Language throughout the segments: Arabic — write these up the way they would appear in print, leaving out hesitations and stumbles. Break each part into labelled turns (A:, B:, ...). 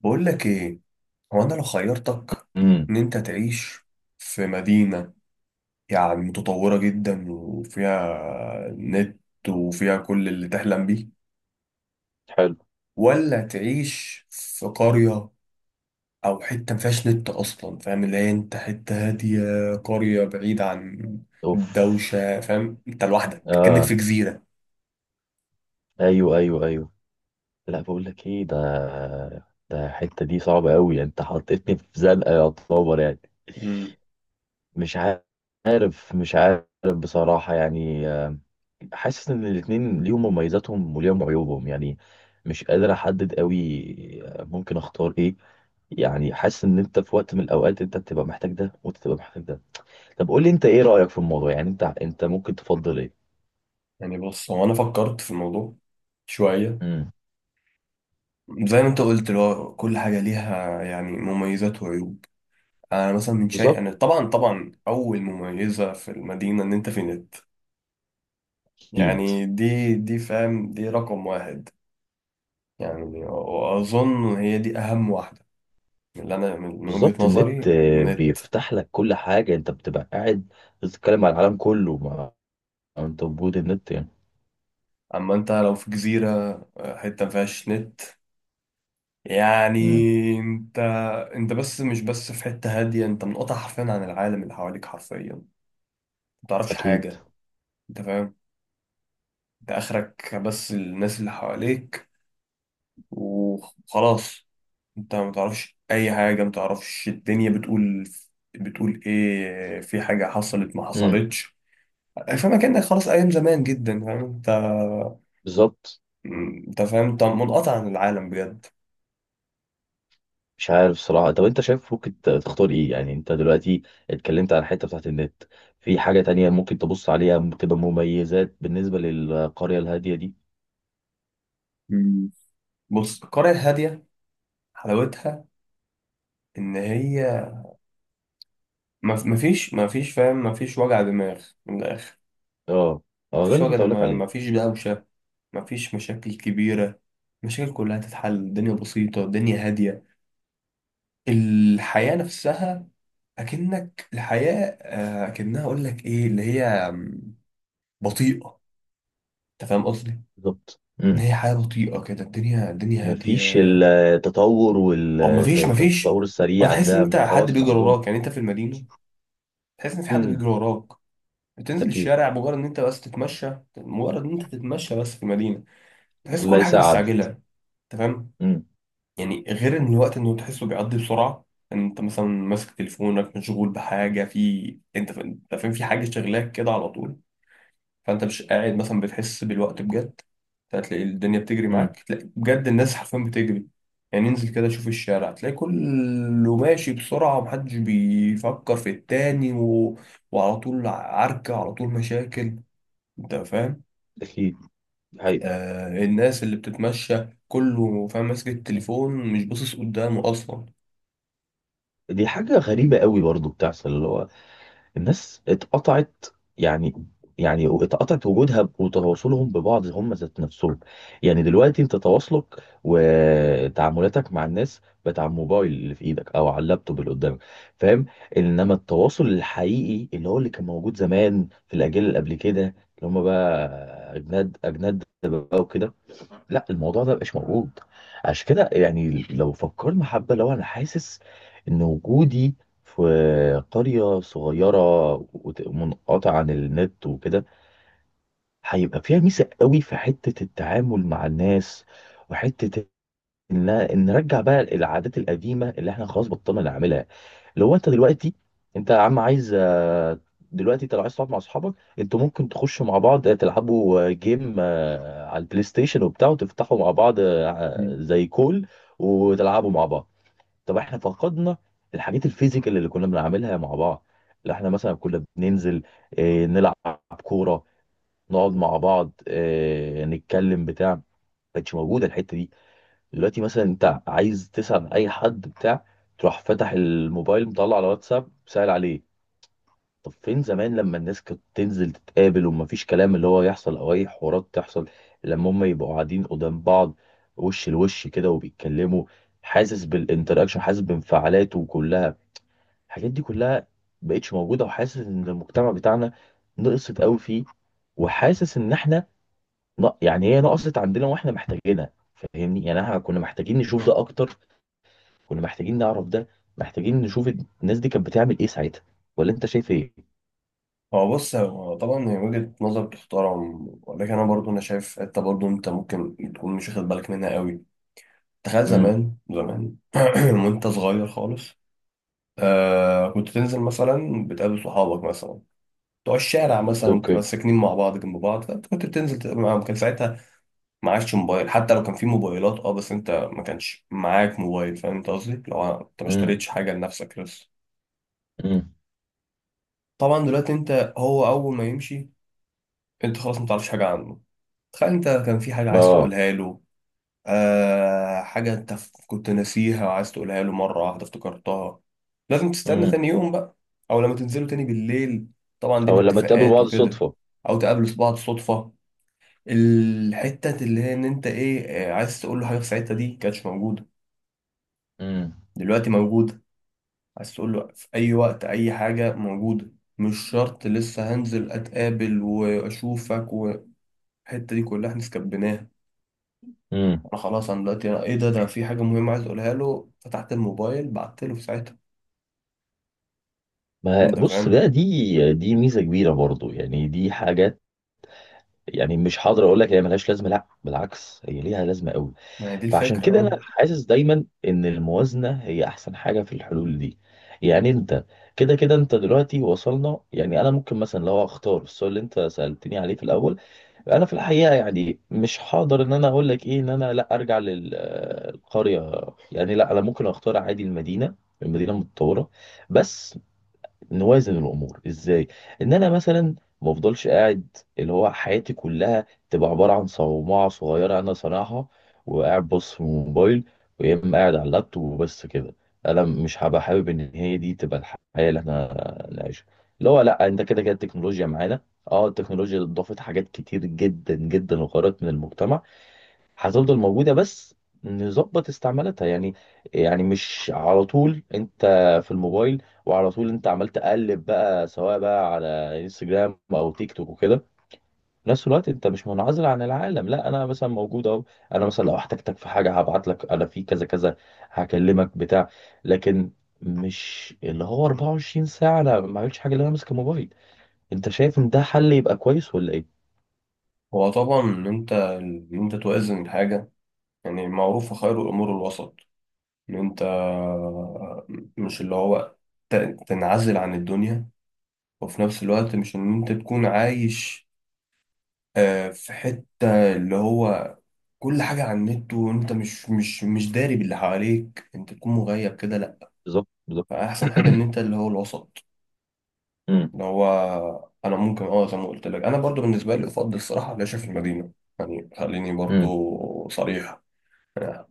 A: بقول لك ايه، هو انا لو خيرتك
B: امم.
A: ان انت تعيش في مدينة، يعني متطورة جدا وفيها نت وفيها كل اللي تحلم بيه،
B: حلو.
A: ولا تعيش في قرية او حتة ما فيهاش نت اصلا. فاهم؟ اللي هي انت حتة هادية، قرية بعيدة عن
B: اوف.
A: الدوشة. فاهم؟ انت لوحدك كأنك
B: اه.
A: في جزيرة.
B: ايوه، ايوه، ايوه. لا، بقول لك ايه؟ ده الحته دي صعبه قوي، انت حطيتني في زنقه يا طوبر يعني.
A: مم.
B: مش مش عارف بصراحه، يعني، حاسس ان الاتنين ليهم مميزاتهم وليهم عيوبهم يعني. مش قادر احدد قوي. ممكن اختار ايه؟ يعني حاسس ان انت في وقت من الاوقات انت بتبقى محتاج ده، وانت بتبقى محتاج ده. طب قول لي، انت ايه رايك في الموضوع؟ يعني انت ممكن تفضل ايه؟
A: يعني بص، هو انا فكرت في الموضوع شوية.
B: امم.
A: زي ما انت قلت، اللي هو كل حاجة ليها يعني مميزات وعيوب. انا مثلا من شيء، انا
B: بالظبط.
A: طبعا طبعا اول مميزه في المدينه ان انت في نت.
B: اكيد.
A: يعني دي فاهم، دي رقم واحد، يعني واظن هي دي اهم واحده من اللي انا، من وجهه
B: بالظبط، النت
A: نظري، النت.
B: بيفتح لك كل حاجه، انت بتبقى قاعد بتتكلم على العالم كله، ما انت وجود النت يعني.
A: اما انت لو في جزيره، حته ما فيهاش نت، يعني
B: امم.
A: انت انت مش بس في حته هاديه، انت منقطع حرفيا عن العالم اللي حواليك، حرفيا ما تعرفش
B: اكيد.
A: حاجه. انت فاهم؟ انت اخرك بس الناس اللي حواليك وخلاص. انت ما تعرفش اي حاجه، ما تعرفش الدنيا بتقول ايه، في حاجه حصلت ما
B: امم.
A: حصلتش. فاهم؟ كانك خلاص ايام زمان جدا. فاهم انت؟
B: بالظبط.
A: انت فاهم، انت منقطع عن العالم بجد.
B: مش عارف صراحه. طب انت شايف ممكن تختار ايه؟ يعني انت دلوقتي اتكلمت على الحته بتاعت النت، في حاجه تانية ممكن تبص عليها تبقى مميزات بالنسبه للقريه الهاديه دي؟
A: مم. بص، القرية الهادية حلاوتها إن هي مفيش فاهم، مفيش وجع دماغ من الآخر.
B: اه، اه، ده
A: مفيش
B: اللي
A: وجع
B: كنت اقول لك
A: دماغ،
B: عليه.
A: مفيش دوشة، مفيش مشاكل كبيرة، المشاكل كلها تتحل، الدنيا بسيطة الدنيا هادية، الحياة نفسها أكنك الحياة، أكنها، أقول لك إيه اللي هي، بطيئة. أنت فاهم قصدي؟
B: بالظبط.
A: إن
B: امم.
A: هي حياة بطيئة كده، الدنيا
B: مفيش
A: هادية.
B: التطور
A: أو مفيش،
B: والتطور
A: أو
B: السريع
A: تحس إن أنت
B: ده،
A: حد
B: خلاص ما
A: بيجري
B: عندهم.
A: وراك. يعني أنت في المدينة تحس إن في حد
B: امم.
A: بيجري وراك، بتنزل
B: اكيد.
A: الشارع مجرد إن أنت بس تتمشى، مجرد إن أنت تتمشى بس في المدينة تحس كل
B: ليس
A: حاجة
B: عدد.
A: مستعجلة. أنت فاهم؟
B: امم.
A: يعني غير ان الوقت، انه تحسه بيعدي بسرعه، ان انت مثلا ماسك تليفونك مشغول بحاجه، انت فاهم، في حاجه شغلاك كده على طول، فانت مش قاعد مثلا بتحس بالوقت بجد. هتلاقي الدنيا بتجري
B: امم.
A: معاك، تلاقي بجد الناس حرفيا بتجري. يعني انزل كده شوف الشارع، تلاقي كله ماشي بسرعه ومحدش بيفكر في التاني وعلى طول عركه، على طول مشاكل. انت فاهم؟
B: اكيد. هي.
A: الناس اللي بتتمشى كله فاهم ماسك التليفون مش باصص قدامه اصلا.
B: دي حاجه غريبه قوي برضو بتحصل، اللي هو الناس اتقطعت يعني. يعني اتقطعت وجودها وتواصلهم ببعض، هم ذات نفسهم. يعني دلوقتي انت تواصلك وتعاملاتك مع الناس بتاع الموبايل اللي في ايدك، او على اللابتوب اللي قدامك، فاهم؟ انما التواصل الحقيقي اللي هو اللي كان موجود زمان في الاجيال اللي قبل كده، اللي هم بقى اجناد اجناد بقى وكده، لا، الموضوع ده مبقاش موجود. عشان كده يعني، لو فكرنا حبة، لو انا حاسس ان وجودي في قرية صغيرة منقطعة عن النت وكده، هيبقى فيها ميزة قوي في حتة التعامل مع الناس، وحتة ان نرجع بقى العادات القديمة اللي احنا خلاص بطلنا نعملها. اللي هو انت دلوقتي، انت يا عم عايز، دلوقتي انت لو عايز تقعد مع اصحابك، انتوا ممكن تخشوا مع بعض، تلعبوا جيم، على البلاي ستيشن وبتاع، وتفتحوا مع بعض، زي كول، وتلعبوا مع بعض. طب احنا فقدنا الحاجات الفيزيكال اللي كنا بنعملها مع بعض، اللي احنا مثلا كنا بننزل نلعب كورة، نقعد مع بعض نتكلم بتاع، ما كانتش موجودة الحتة دي. دلوقتي مثلا انت عايز تسأل عن اي حد بتاع، تروح فتح الموبايل مطلع على واتساب سأل عليه. طب فين زمان لما الناس كانت تنزل تتقابل، ومفيش كلام اللي هو يحصل او اي حوارات تحصل لما هم يبقوا قاعدين قدام بعض وش لوش كده وبيتكلموا، حاسس بالانتراكشن، حاسس بانفعالاته كلها. الحاجات دي كلها مبقتش موجودة، وحاسس ان المجتمع بتاعنا نقصت قوي فيه، وحاسس ان احنا، يعني هي نقصت عندنا واحنا محتاجينها، فاهمني؟ يعني احنا كنا محتاجين نشوف ده اكتر، كنا محتاجين نعرف ده، محتاجين نشوف الناس دي كانت بتعمل ايه ساعتها. ولا انت شايف ايه؟
A: هو بص، هو طبعا هي وجهة نظر تحترم، ولكن انا برضو انا شايف حته برضو انت ممكن تكون مش واخد بالك منها قوي. تخيل
B: امم.
A: زمان زمان وانت صغير خالص، كنت تنزل مثلا بتقابل صحابك مثلا بتوع الشارع، مثلا بتبقى
B: اوكي.
A: ساكنين مع بعض جنب بعض، فانت كنت بتنزل تقابل معاهم كان ساعتها ما عادش موبايل. حتى لو كان في موبايلات، بس انت ما كانش معاك موبايل، فاهم انت قصدي؟ لو انت ما
B: امم.
A: اشتريتش حاجه لنفسك لسه.
B: امم.
A: طبعا دلوقتي انت، هو اول ما يمشي انت خلاص ما تعرفش حاجه عنه. تخيل انت كان في حاجة عايز
B: اه.
A: تقولها له، حاجة انت كنت ناسيها وعايز تقولها له، مرة واحدة افتكرتها، لازم تستنى
B: امم.
A: تاني يوم بقى، او لما تنزلوا تاني بالليل، طبعا دي
B: او لما تقابلوا
A: باتفاقات
B: بعض
A: وكده،
B: صدفة.
A: او تقابلوا بعض صدفة. الحتة اللي هي، ان انت ايه، عايز تقول له حاجة في ساعتها، دي كانتش موجودة.
B: امم.
A: دلوقتي موجودة، عايز تقول له في اي وقت اي حاجة موجودة. مش شرط لسه هنزل اتقابل واشوفك، والحتة دي كلها احنا سكبناها.
B: امم.
A: انا خلاص انا دلوقتي أنا، ايه ده، أنا في حاجه مهمه عايز اقولها له، فتحت الموبايل بعت له في ساعتها.
B: ما
A: انت
B: بص
A: فاهم؟
B: بقى، دي ميزة كبيرة برضو، يعني دي حاجات. يعني مش حاضر اقول لك هي ملهاش لازمة، لا بالعكس هي ليها لازمة قوي.
A: ما هي دي
B: فعشان
A: الفكره.
B: كده انا
A: اه،
B: حاسس دايما ان الموازنه هي احسن حاجه في الحلول دي. يعني انت كده كده، انت دلوقتي وصلنا، يعني انا ممكن مثلا لو اختار السؤال اللي انت سالتني عليه في الاول، انا في الحقيقه يعني مش هقدر ان انا اقول لك ايه، ان انا لا ارجع للقريه. يعني لا، انا ممكن اختار عادي المدينه المتطوره، بس نوازن الامور ازاي، ان انا مثلا ما افضلش قاعد اللي هو حياتي كلها تبقى عباره عن صومعه صغيره انا صانعها، وقاعد بص في الموبايل، ويا اما قاعد على اللابتوب، وبس كده. انا مش هبقى حابب ان هي دي تبقى الحياه اللي احنا نعيشها، اللي هو لا انت كده كده التكنولوجيا معانا. اه التكنولوجيا ضافت حاجات كتير جدا جدا، وغيرت من المجتمع. هتفضل موجودة، بس نظبط استعمالاتها يعني. يعني مش على طول انت في الموبايل، وعلى طول انت عمال تقلب بقى، سواء بقى على انستجرام او تيك توك وكده. في نفس الوقت انت مش منعزل عن العالم، لا انا مثلا موجود اهو. انا مثلا لو احتجتك في حاجة هبعت لك انا في كذا كذا، هكلمك بتاع، لكن مش اللي هو 24 ساعة انا ما عملتش حاجة اللي انا ماسك الموبايل. انت شايف ان ده حل يبقى كويس ولا ايه؟
A: هو طبعا ان انت توازن الحاجه. يعني معروف خير الامور الوسط، ان انت مش اللي هو، ت- تنعزل عن الدنيا. وفي نفس الوقت مش ان انت تكون عايش، في حته اللي هو كل حاجه على النت وانت مش داري باللي حواليك، انت تكون مغيب كده. لا،
B: بالظبط، بالظبط.
A: فاحسن حاجه ان انت اللي هو الوسط.
B: مم.
A: اللي هو انا ممكن زي ما قلت لك، انا برضو بالنسبه لي افضل الصراحه العيش في المدينه. يعني خليني
B: مم.
A: برضو صريح،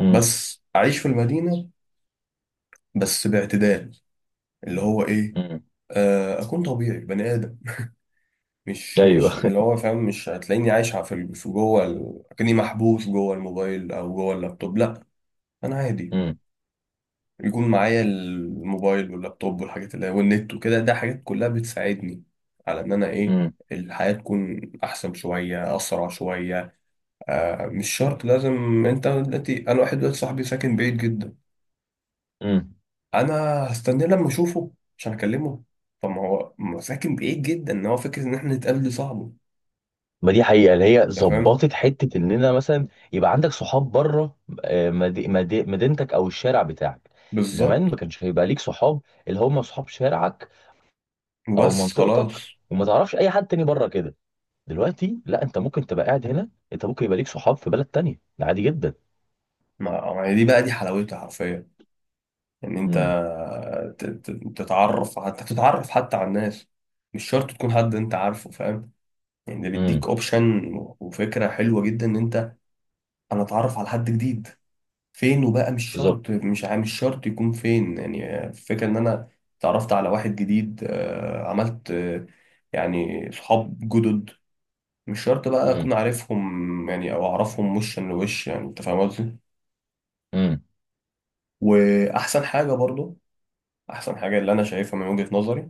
B: مم.
A: بس اعيش في المدينه بس باعتدال. اللي هو ايه؟
B: مم.
A: اكون طبيعي بني ادم. مش
B: ايوه.
A: مش اللي هو، فاهم، مش هتلاقيني عايش في جوه كأني محبوس جوه الموبايل او جوه اللابتوب. لا، انا عادي
B: امم.
A: يكون معايا الموبايل واللابتوب والحاجات اللي والنت وكده. ده حاجات كلها بتساعدني على ان انا ايه،
B: امم.
A: الحياة تكون احسن شوية، اسرع شوية. مش شرط لازم. انت دلوقتي، انا واحد دلوقتي صاحبي ساكن بعيد جدا،
B: امم.
A: انا هستناه لما اشوفه عشان اكلمه؟ طب ما هو ساكن بعيد جدا، ان هو فكرة ان احنا نتقابل دي صعبة.
B: ما دي حقيقه، اللي هي
A: انت فاهم؟
B: ظبطت حته ان انا مثلا يبقى عندك صحاب بره، مدينتك او الشارع بتاعك.
A: بالظبط.
B: زمان ما كانش هيبقى ليك صحاب، اللي هم صحاب شارعك او
A: بس
B: منطقتك،
A: خلاص،
B: وما تعرفش اي حد تاني بره كده. دلوقتي لا، انت ممكن تبقى قاعد هنا، انت ممكن يبقى ليك صحاب في بلد تانية، ده عادي جدا.
A: ما هي دي بقى دي حلاوتها حرفيا. ان
B: امم.
A: انت ت- ت- تتعرف حتى على الناس، مش شرط تكون حد انت عارفه، فاهم؟ يعني ده بيديك
B: امم.
A: اوبشن وفكرة حلوة جدا. ان انا اتعرف على حد جديد فين، وبقى مش
B: بالظبط.
A: شرط، مش شرط يكون فين. يعني الفكرة ان انا اتعرفت على واحد جديد، عملت، يعني صحاب جدد، مش شرط بقى
B: امم.
A: اكون عارفهم يعني، او اعرفهم وشا لوش، يعني انت فاهم قصدي؟
B: امم.
A: واحسن حاجة برضو، احسن حاجة اللي انا شايفها من وجهة نظري،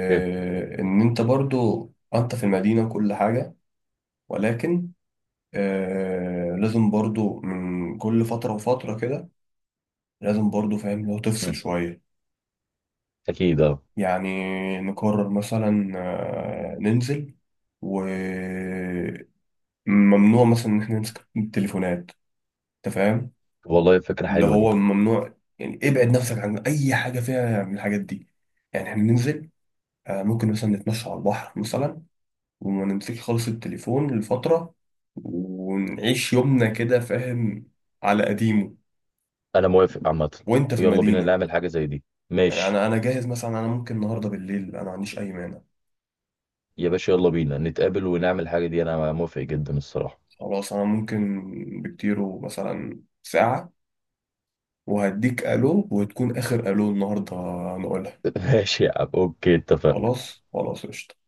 B: اوكي.
A: ان انت برضو انت في المدينة كل حاجة، ولكن لازم برضو من كل فترة وفترة كده، لازم برضو فاهم لو تفصل
B: امم.
A: شوية.
B: اكيد. اه.
A: يعني نقرر مثلا، ننزل وممنوع مثلا ان احنا نمسك التليفونات. انت فاهم؟
B: والله فكره
A: اللي
B: حلوه دي.
A: هو ممنوع، يعني ابعد نفسك عن اي حاجة فيها من الحاجات دي. يعني احنا ننزل، ممكن مثلا نتمشى على البحر مثلا، وما نمسكش خالص التليفون لفترة، ونعيش يومنا كده، فاهم، على قديمه
B: انا موافق عامه.
A: وانت في
B: يلا بينا
A: المدينة.
B: نعمل حاجه زي دي.
A: يعني
B: ماشي.
A: انا جاهز مثلا، انا ممكن النهاردة بالليل. انا ما عنديش اي مانع.
B: يا باشا، يلا بينا نتقابل ونعمل الحاجة دي. أنا موافق جدا الصراحة.
A: خلاص انا ممكن بكتيره مثلا ساعة وهديك الو، وتكون اخر الو النهاردة نقولها.
B: ماشي يا عم. أوكي، اتفقنا.
A: خلاص خلاص قشطة.